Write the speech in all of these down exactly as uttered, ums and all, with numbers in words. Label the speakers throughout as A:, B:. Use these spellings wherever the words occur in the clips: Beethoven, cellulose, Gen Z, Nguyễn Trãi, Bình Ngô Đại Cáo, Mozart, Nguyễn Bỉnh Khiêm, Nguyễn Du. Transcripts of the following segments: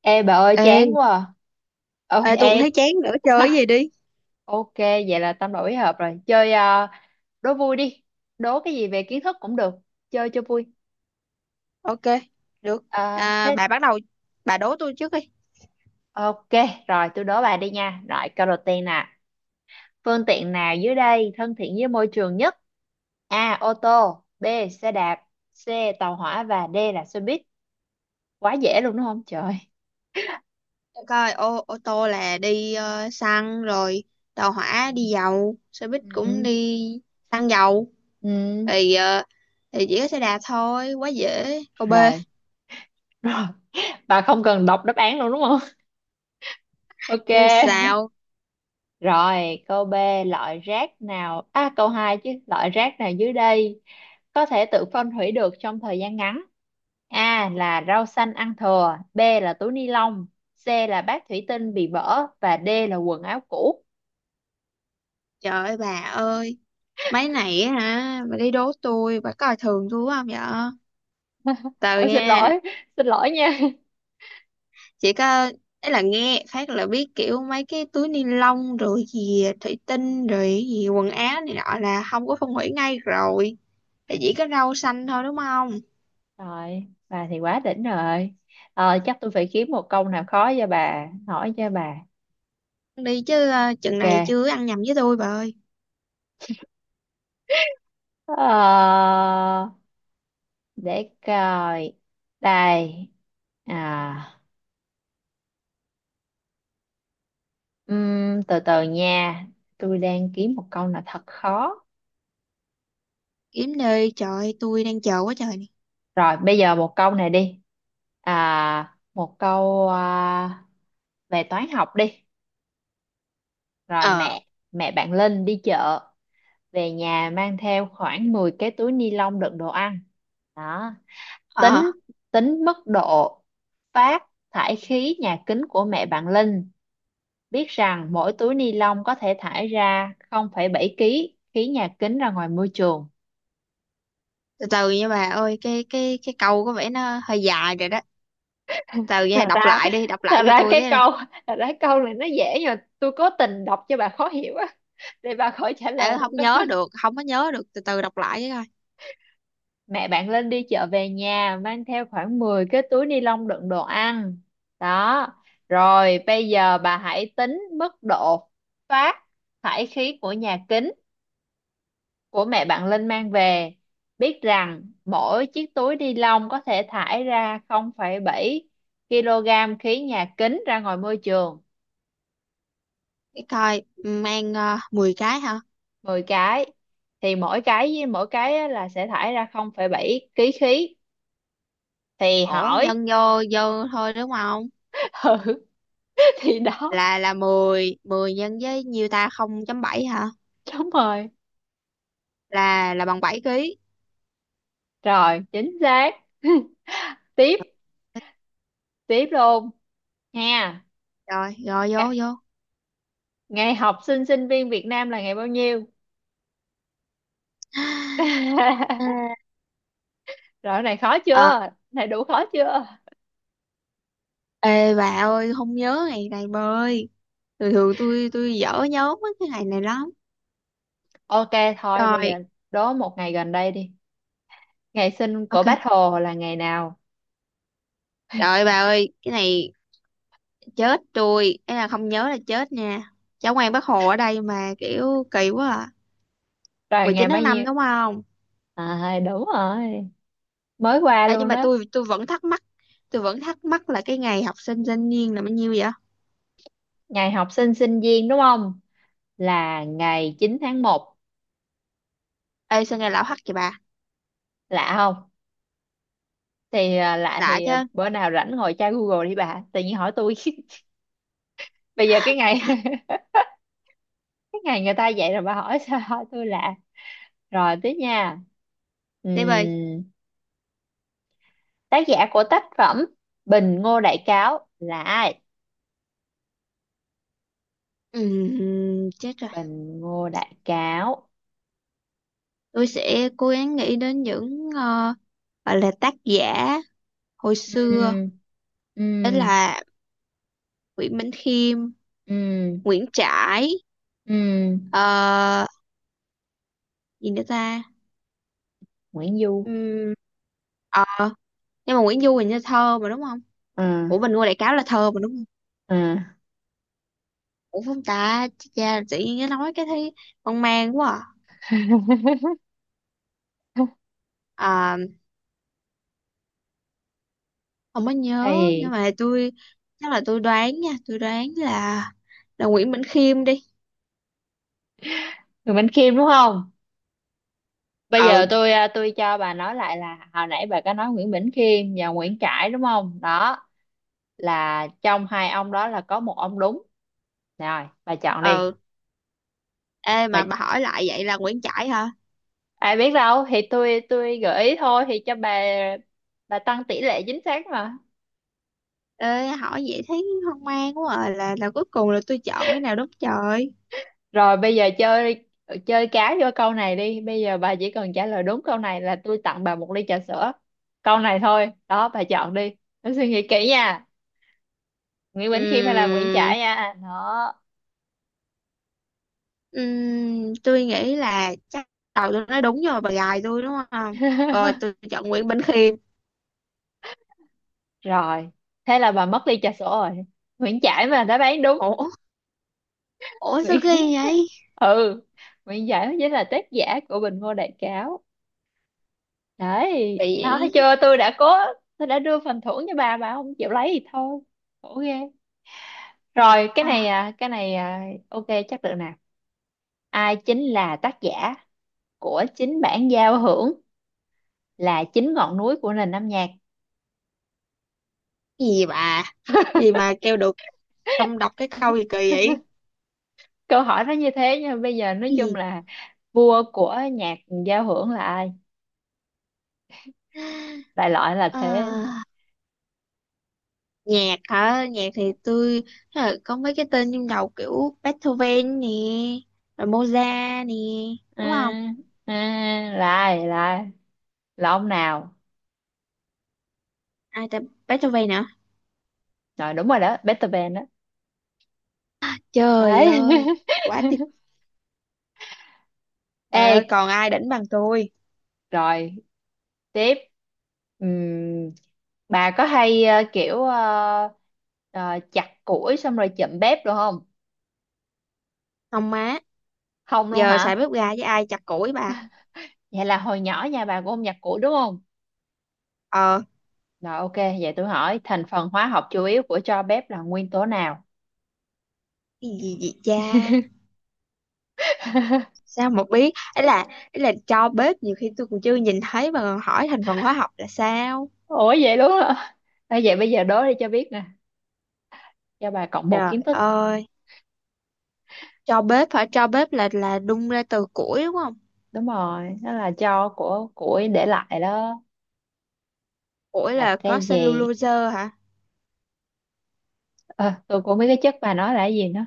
A: Ê bà ơi
B: Ê,
A: chán quá à. Ôi
B: ê tôi cũng thấy
A: ê.
B: chán nữa, chơi cái gì đi.
A: Ok, vậy là tâm đầu ý hợp rồi. Chơi ờ, đố vui đi. Đố cái gì về kiến thức cũng được. Chơi cho vui.
B: Ok, được.
A: Ờ,
B: À,
A: Thế
B: bà bắt đầu, bà đố tôi trước đi.
A: ok, rồi tôi đố bà đi nha. Rồi câu đầu tiên nè. Phương tiện nào dưới đây thân thiện với môi trường nhất? A. Ô tô. B. Xe đạp. C. Tàu hỏa. Và D là xe buýt. Quá dễ luôn đúng không trời?
B: Để coi, ô ô tô là đi ờ, xăng rồi, tàu
A: Ừ.
B: hỏa đi dầu, xe buýt cũng
A: Ừ.
B: đi xăng dầu,
A: Ừ.
B: thì ờ, thì chỉ có xe đạp thôi, quá dễ, câu B
A: Rồi. Rồi. Bà không cần đọc đáp án luôn đúng không? Ok.
B: chứ sao.
A: Rồi, câu B, loại rác nào, à câu hai chứ, loại rác nào dưới đây có thể tự phân hủy được trong thời gian ngắn? A là rau xanh ăn thừa, B là túi ni lông, C là bát thủy tinh bị vỡ và D là quần áo cũ.
B: Trời ơi bà ơi, mấy này á hả, bà đi đố tôi, bà coi thường tôi quá không vậy, từ
A: Ôi xin
B: nha.
A: lỗi, xin lỗi nha.
B: Chỉ có, ấy là nghe phát là biết kiểu mấy cái túi ni lông rồi gì thủy tinh rồi gì quần áo này nọ là không có phân hủy ngay rồi, thì chỉ có rau xanh thôi đúng không.
A: Rồi, bà thì quá đỉnh rồi. Ờ, chắc tôi phải kiếm một câu nào khó cho bà, hỏi cho bà.
B: Đi chứ, ờ, chừng này
A: Ok.
B: chưa ăn nhầm với tôi bà ơi.
A: Ờ, để coi. Đây. À. Ừm, từ từ nha, tôi đang kiếm một câu nào thật khó.
B: Kiếm đi trời ơi, tôi đang chờ quá trời nè.
A: Rồi, bây giờ một câu này đi. À, một câu à, về toán học đi. Rồi
B: Ờ.
A: mẹ, mẹ bạn Linh đi chợ, về nhà mang theo khoảng mười cái túi ni lông đựng đồ ăn. Đó,
B: Ờ,
A: tính tính mức độ phát thải khí nhà kính của mẹ bạn Linh. Biết rằng mỗi túi ni lông có thể thải ra không phẩy bảy kg khí nhà kính ra ngoài môi trường.
B: từ từ nha bà ơi, cái cái cái câu có vẻ nó hơi dài rồi đó, từ nha,
A: thật
B: đọc
A: ra
B: lại đi, đọc
A: thật
B: lại cho
A: ra
B: tôi
A: cái
B: cái này.
A: câu thật ra câu này nó dễ nhưng mà tôi cố tình đọc cho bà khó hiểu á, để bà khỏi trả lời
B: Ờ, không
A: được.
B: nhớ được, không có nhớ được, từ từ đọc lại với coi.
A: Mẹ bạn lên đi chợ về nhà mang theo khoảng mười cái túi ni lông đựng đồ ăn đó. Rồi bây giờ bà hãy tính mức độ phát thải khí của nhà kính của mẹ bạn Linh mang về, biết rằng mỗi chiếc túi ni lông có thể thải ra không phẩy bảy kg khí nhà kính ra ngoài môi trường.
B: Cái coi, mang uh, mười cái hả?
A: mười cái thì mỗi cái với mỗi cái á là sẽ thải ra không phẩy bảy kg khí, thì
B: Ủa
A: hỏi.
B: nhân vô vô thôi đúng không?
A: Ừ, thì đó.
B: Là là mười mười nhân với nhiêu ta, không chấm bảy hả?
A: Đúng rồi,
B: Là là bằng bảy ký.
A: rồi chính xác. Tiếp, tiếp luôn nha.
B: Rồi rồi,
A: Ga-
B: vô vô.
A: ngày học sinh sinh viên Việt Nam là ngày bao nhiêu?
B: À.
A: Rồi cái này khó
B: Ờ,
A: chưa, cái này đủ khó chưa?
B: ê bà ơi không nhớ ngày này bà ơi, thường thường tôi tôi dở nhớ mấy cái ngày này lắm.
A: Ok, thôi bây
B: Rồi,
A: giờ đố một ngày gần đây đi. Ngày sinh của
B: ok.
A: Bác Hồ là ngày nào?
B: Trời ơi bà ơi, cái này chết tôi, ấy là không nhớ là chết nha, cháu ngoan bác Hồ ở đây mà kiểu kỳ quá à.
A: Rồi
B: mười
A: ngày
B: chín
A: bao
B: tháng năm
A: nhiêu?
B: đúng không.
A: À đúng rồi, mới qua
B: À, nhưng
A: luôn
B: mà
A: đó.
B: tôi tôi vẫn thắc mắc, tôi vẫn thắc mắc là cái ngày học sinh thanh niên là bao nhiêu vậy.
A: Ngày học sinh sinh viên đúng không, là ngày chín tháng một.
B: Ê sao nghe lão hắc vậy bà,
A: Lạ không? Thì à, lạ
B: lạ
A: thì
B: chứ.
A: à, bữa nào rảnh ngồi tra Google đi bà, tự nhiên hỏi tôi. Bây giờ cái ngày cái ngày người ta dạy rồi bà hỏi sao hỏi tôi lạ. Rồi tiếp nha.
B: Tiếp ơi.
A: Ừm, tác giả của tác phẩm Bình Ngô Đại Cáo là ai?
B: Ừm, chết rồi.
A: Bình Ngô Đại Cáo.
B: Tôi sẽ cố gắng nghĩ đến những ờ, gọi là tác giả hồi xưa.
A: Ừm,
B: Đó
A: ừm,
B: là Nguyễn Bỉnh Khiêm,
A: ừm,
B: Nguyễn Trãi,
A: ừm.
B: ờ, gì nữa ta.
A: Nguyễn Du.
B: Ừm, ờ, nhưng mà Nguyễn Du hình như thơ mà đúng không.
A: À,
B: Ủa, Bình Ngô Đại Cáo là thơ mà đúng không?
A: à.
B: Ủa không ta, cha tự nhiên nó nói cái thấy hoang mang quá. À, à, không có nhớ,
A: Hay
B: nhưng
A: gì?
B: mà tôi chắc là tôi đoán nha, tôi đoán là là Nguyễn Bỉnh Khiêm đi.
A: Nguyễn Bỉnh Khiêm đúng không? Bây giờ
B: Ừ.
A: tôi à, tôi cho bà nói lại là hồi nãy bà có nói Nguyễn Bỉnh Khiêm và Nguyễn Trãi đúng không? Đó là trong hai ông đó là có một ông đúng. Rồi, bà chọn đi.
B: Ừ, ê
A: Bà,
B: mà bà hỏi lại vậy là Nguyễn Trãi hả?
A: ai biết đâu thì tôi tôi gợi ý thôi thì cho bà bà tăng tỷ lệ chính xác mà.
B: Ê hỏi vậy thấy hoang mang quá à, là là cuối cùng là tôi chọn cái nào đúng trời.
A: Rồi bây giờ chơi chơi cá vô câu này đi. Bây giờ bà chỉ cần trả lời đúng câu này là tôi tặng bà một ly trà sữa. Câu này thôi. Đó, bà chọn đi. Bà suy nghĩ kỹ nha. Nguyễn Bỉnh Khiêm hay là Nguyễn
B: Ừm,
A: Trãi nha. Đó.
B: ừm, tôi nghĩ là chắc đầu tôi nói đúng rồi, bà gài tôi đúng không. Rồi tôi chọn Nguyễn Bỉnh Khiêm.
A: Rồi, thế là bà mất ly trà sữa rồi. Nguyễn Trãi mà đã bán đúng.
B: Ủa, ủa sao ghê
A: Nguyễn...
B: vậy,
A: Ừ, Nguyễn Trãi mới chính là tác giả của Bình Ngô Đại Cáo. Đấy
B: bị
A: đó, thấy
B: vậy.
A: chưa, tôi đã cố, tôi đã đưa phần thưởng cho bà bà không chịu lấy thì thôi. Khổ ghê. Rồi cái
B: Ờ,
A: này à cái này à, ok chắc được nè. Ai chính là tác giả của chính bản giao hưởng, là chính ngọn núi của nền âm nhạc?
B: gì vậy bà, gì mà kêu được, xong đọc cái câu gì kỳ vậy,
A: Câu hỏi nó như thế nhưng mà bây giờ nói chung là vua của nhạc giao hưởng là ai,
B: gì.
A: đại loại là
B: À,
A: thế.
B: nhạc hả, nhạc thì tôi, thế là có mấy cái tên trong đầu kiểu Beethoven nè, rồi Mozart nè, đúng không.
A: À, à, lại lại là ông nào?
B: Ai ta, Beethoven nữa.
A: Rồi đúng rồi đó, Beethoven đó.
B: Trời
A: Đấy.
B: ơi quá tuyệt, trời ơi
A: Ê,
B: còn ai đỉnh bằng tôi.
A: rồi tiếp. Ừm, bà có hay ờ, kiểu ờ, ờ, chặt củi xong rồi chậm bếp được không?
B: Không má,
A: Không luôn
B: giờ
A: hả?
B: xài bếp ga với ai chặt củi bà.
A: Vậy là hồi nhỏ nhà bà cũng không nhặt củi đúng không?
B: Ờ.
A: Rồi ok, vậy tôi hỏi thành phần hóa học chủ yếu của tro bếp là nguyên tố nào?
B: Cái gì vậy cha, sao mà biết, ấy là, ấy là cho bếp nhiều khi tôi còn chưa nhìn thấy mà còn hỏi thành phần hóa học là sao.
A: Ủa vậy luôn hả? Ê, vậy bây giờ đố đi cho biết nè, cho bà cộng một
B: Trời
A: kiến thức.
B: ơi, cho bếp hả, cho bếp là là đun ra từ củi đúng không.
A: Đúng rồi đó, là cho của củi để lại đó.
B: Ủa
A: Là
B: là
A: cái
B: có
A: gì?
B: cellulose hả?
A: Ờ, tôi cũng không biết cái chất bà nói là cái gì nữa.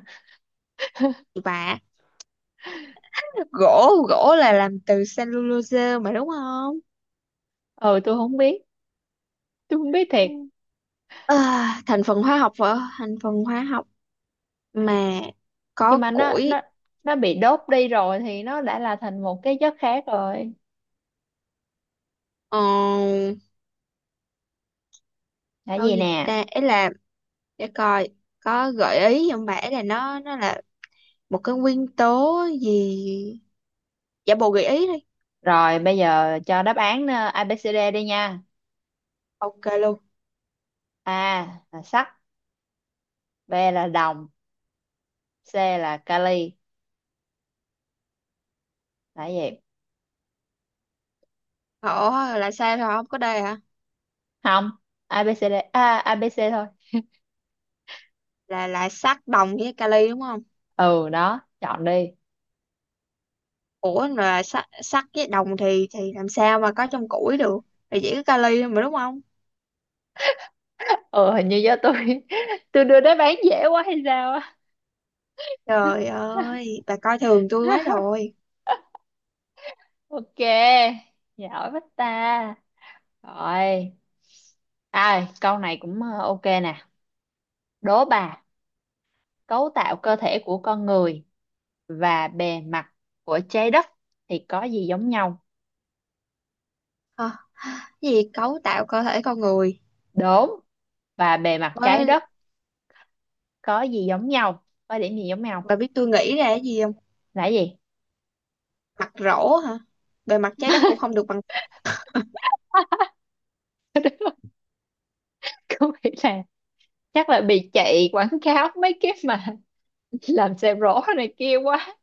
B: Vả, gỗ, gỗ là làm từ cellulose mà đúng không?
A: Ừ tôi không biết, tôi không biết thiệt.
B: Ừ. À, thành phần hóa học vợ, thành phần hóa học mà
A: Nhưng
B: có
A: mà nó
B: củi.
A: nó nó bị đốt đi rồi thì nó đã là thành một cái chất khác rồi.
B: Ờ,
A: Là
B: đâu
A: gì
B: gì
A: nè?
B: ta, ấy là để coi, có gợi ý không bà, ấy là nó nó là một cái nguyên tố gì, giả bộ gợi ý đi.
A: Rồi bây giờ cho đáp án ờ, a bê xê đê đi nha.
B: Ok luôn.
A: A là sắt, B là đồng, C là kali, là gì?
B: Ủa là sao, rồi không có đây hả?
A: Không, a bê xê đê, a à, a bê xê thôi.
B: là là sắt đồng với kali đúng không?
A: Ừ đó, chọn đi.
B: Ủa mà sắt sắt với đồng thì thì làm sao mà có trong củi được, thì chỉ có kali thôi mà đúng không.
A: Ừ hình như do tôi tôi đưa đáp án dễ quá hay sao á.
B: Trời ơi bà coi thường tôi quá rồi.
A: Ok, giỏi quá ta. Rồi à, câu này cũng ờ, ok nè. Đố bà, cấu tạo cơ thể của con người và bề mặt của trái đất thì có gì giống nhau?
B: Hả, cái gì, cấu tạo cơ thể con người
A: Đốm và bề mặt trái
B: với,
A: đất có gì giống nhau, có điểm gì giống nhau?
B: bà biết tôi nghĩ ra cái gì không?
A: Là gì?
B: Mặt rỗ hả, bề mặt trái đất cũng không được bằng.
A: Không, nghĩ là chắc là bị chạy quảng cáo mấy cái mà làm xe rổ này kia quá.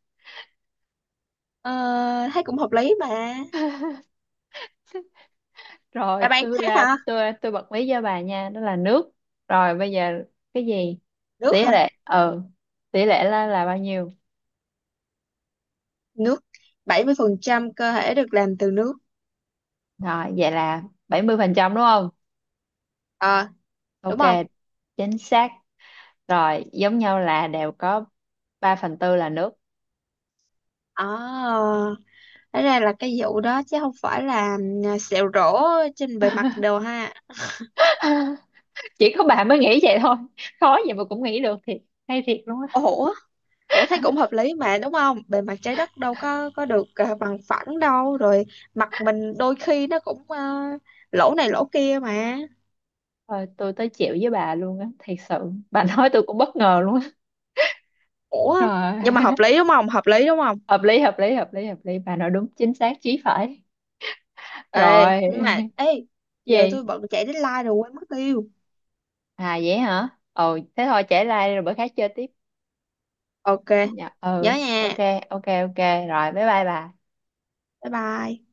B: Ờ, thấy cũng hợp lý mà.
A: Rồi
B: Bà bạn
A: tôi
B: khác
A: ra
B: hả?
A: tôi à, tôi bật mí cho bà nha, đó là nước. Rồi bây giờ cái gì?
B: Nước
A: Tỷ
B: hả?
A: lệ ừ. Tỷ lệ là, là bao nhiêu?
B: Nước, bảy mươi phần trăm cơ thể được làm từ nước.
A: Rồi vậy là bảy mươi phần trăm đúng không?
B: Ờ, đúng
A: Ok,
B: không.
A: chính xác. Rồi giống nhau là đều có ba phần tư là nước.
B: Ờ, thế ra là cái vụ đó chứ không phải là, ừ, sẹo rỗ trên bề mặt đồ ha.
A: Chỉ có bà mới nghĩ vậy thôi. Khó vậy mà cũng nghĩ được thiệt. Hay thiệt luôn á.
B: Ủa, ủa thấy cũng hợp lý mà đúng không, bề mặt trái đất đâu có có được à, bằng phẳng đâu, rồi mặt mình đôi khi nó cũng à, lỗ này lỗ kia mà.
A: Rồi tôi tới chịu với bà luôn á, thiệt sự. Bà nói tôi cũng bất ngờ luôn á.
B: Ủa
A: Rồi,
B: nhưng mà hợp lý đúng không, hợp lý đúng không.
A: hợp lý hợp lý hợp lý hợp lý, bà nói đúng chính xác chí phải.
B: Ê
A: Rồi.
B: nhưng mà ê, giờ
A: Gì?
B: tôi bận chạy deadline rồi quên mất tiêu.
A: À vậy hả, ồ thế thôi trễ like đi, rồi bữa khác chơi tiếp.
B: Ok,
A: Dạ
B: nhớ
A: ừ ok,
B: nha.
A: ok ok rồi bye bye bà.
B: Bye bye.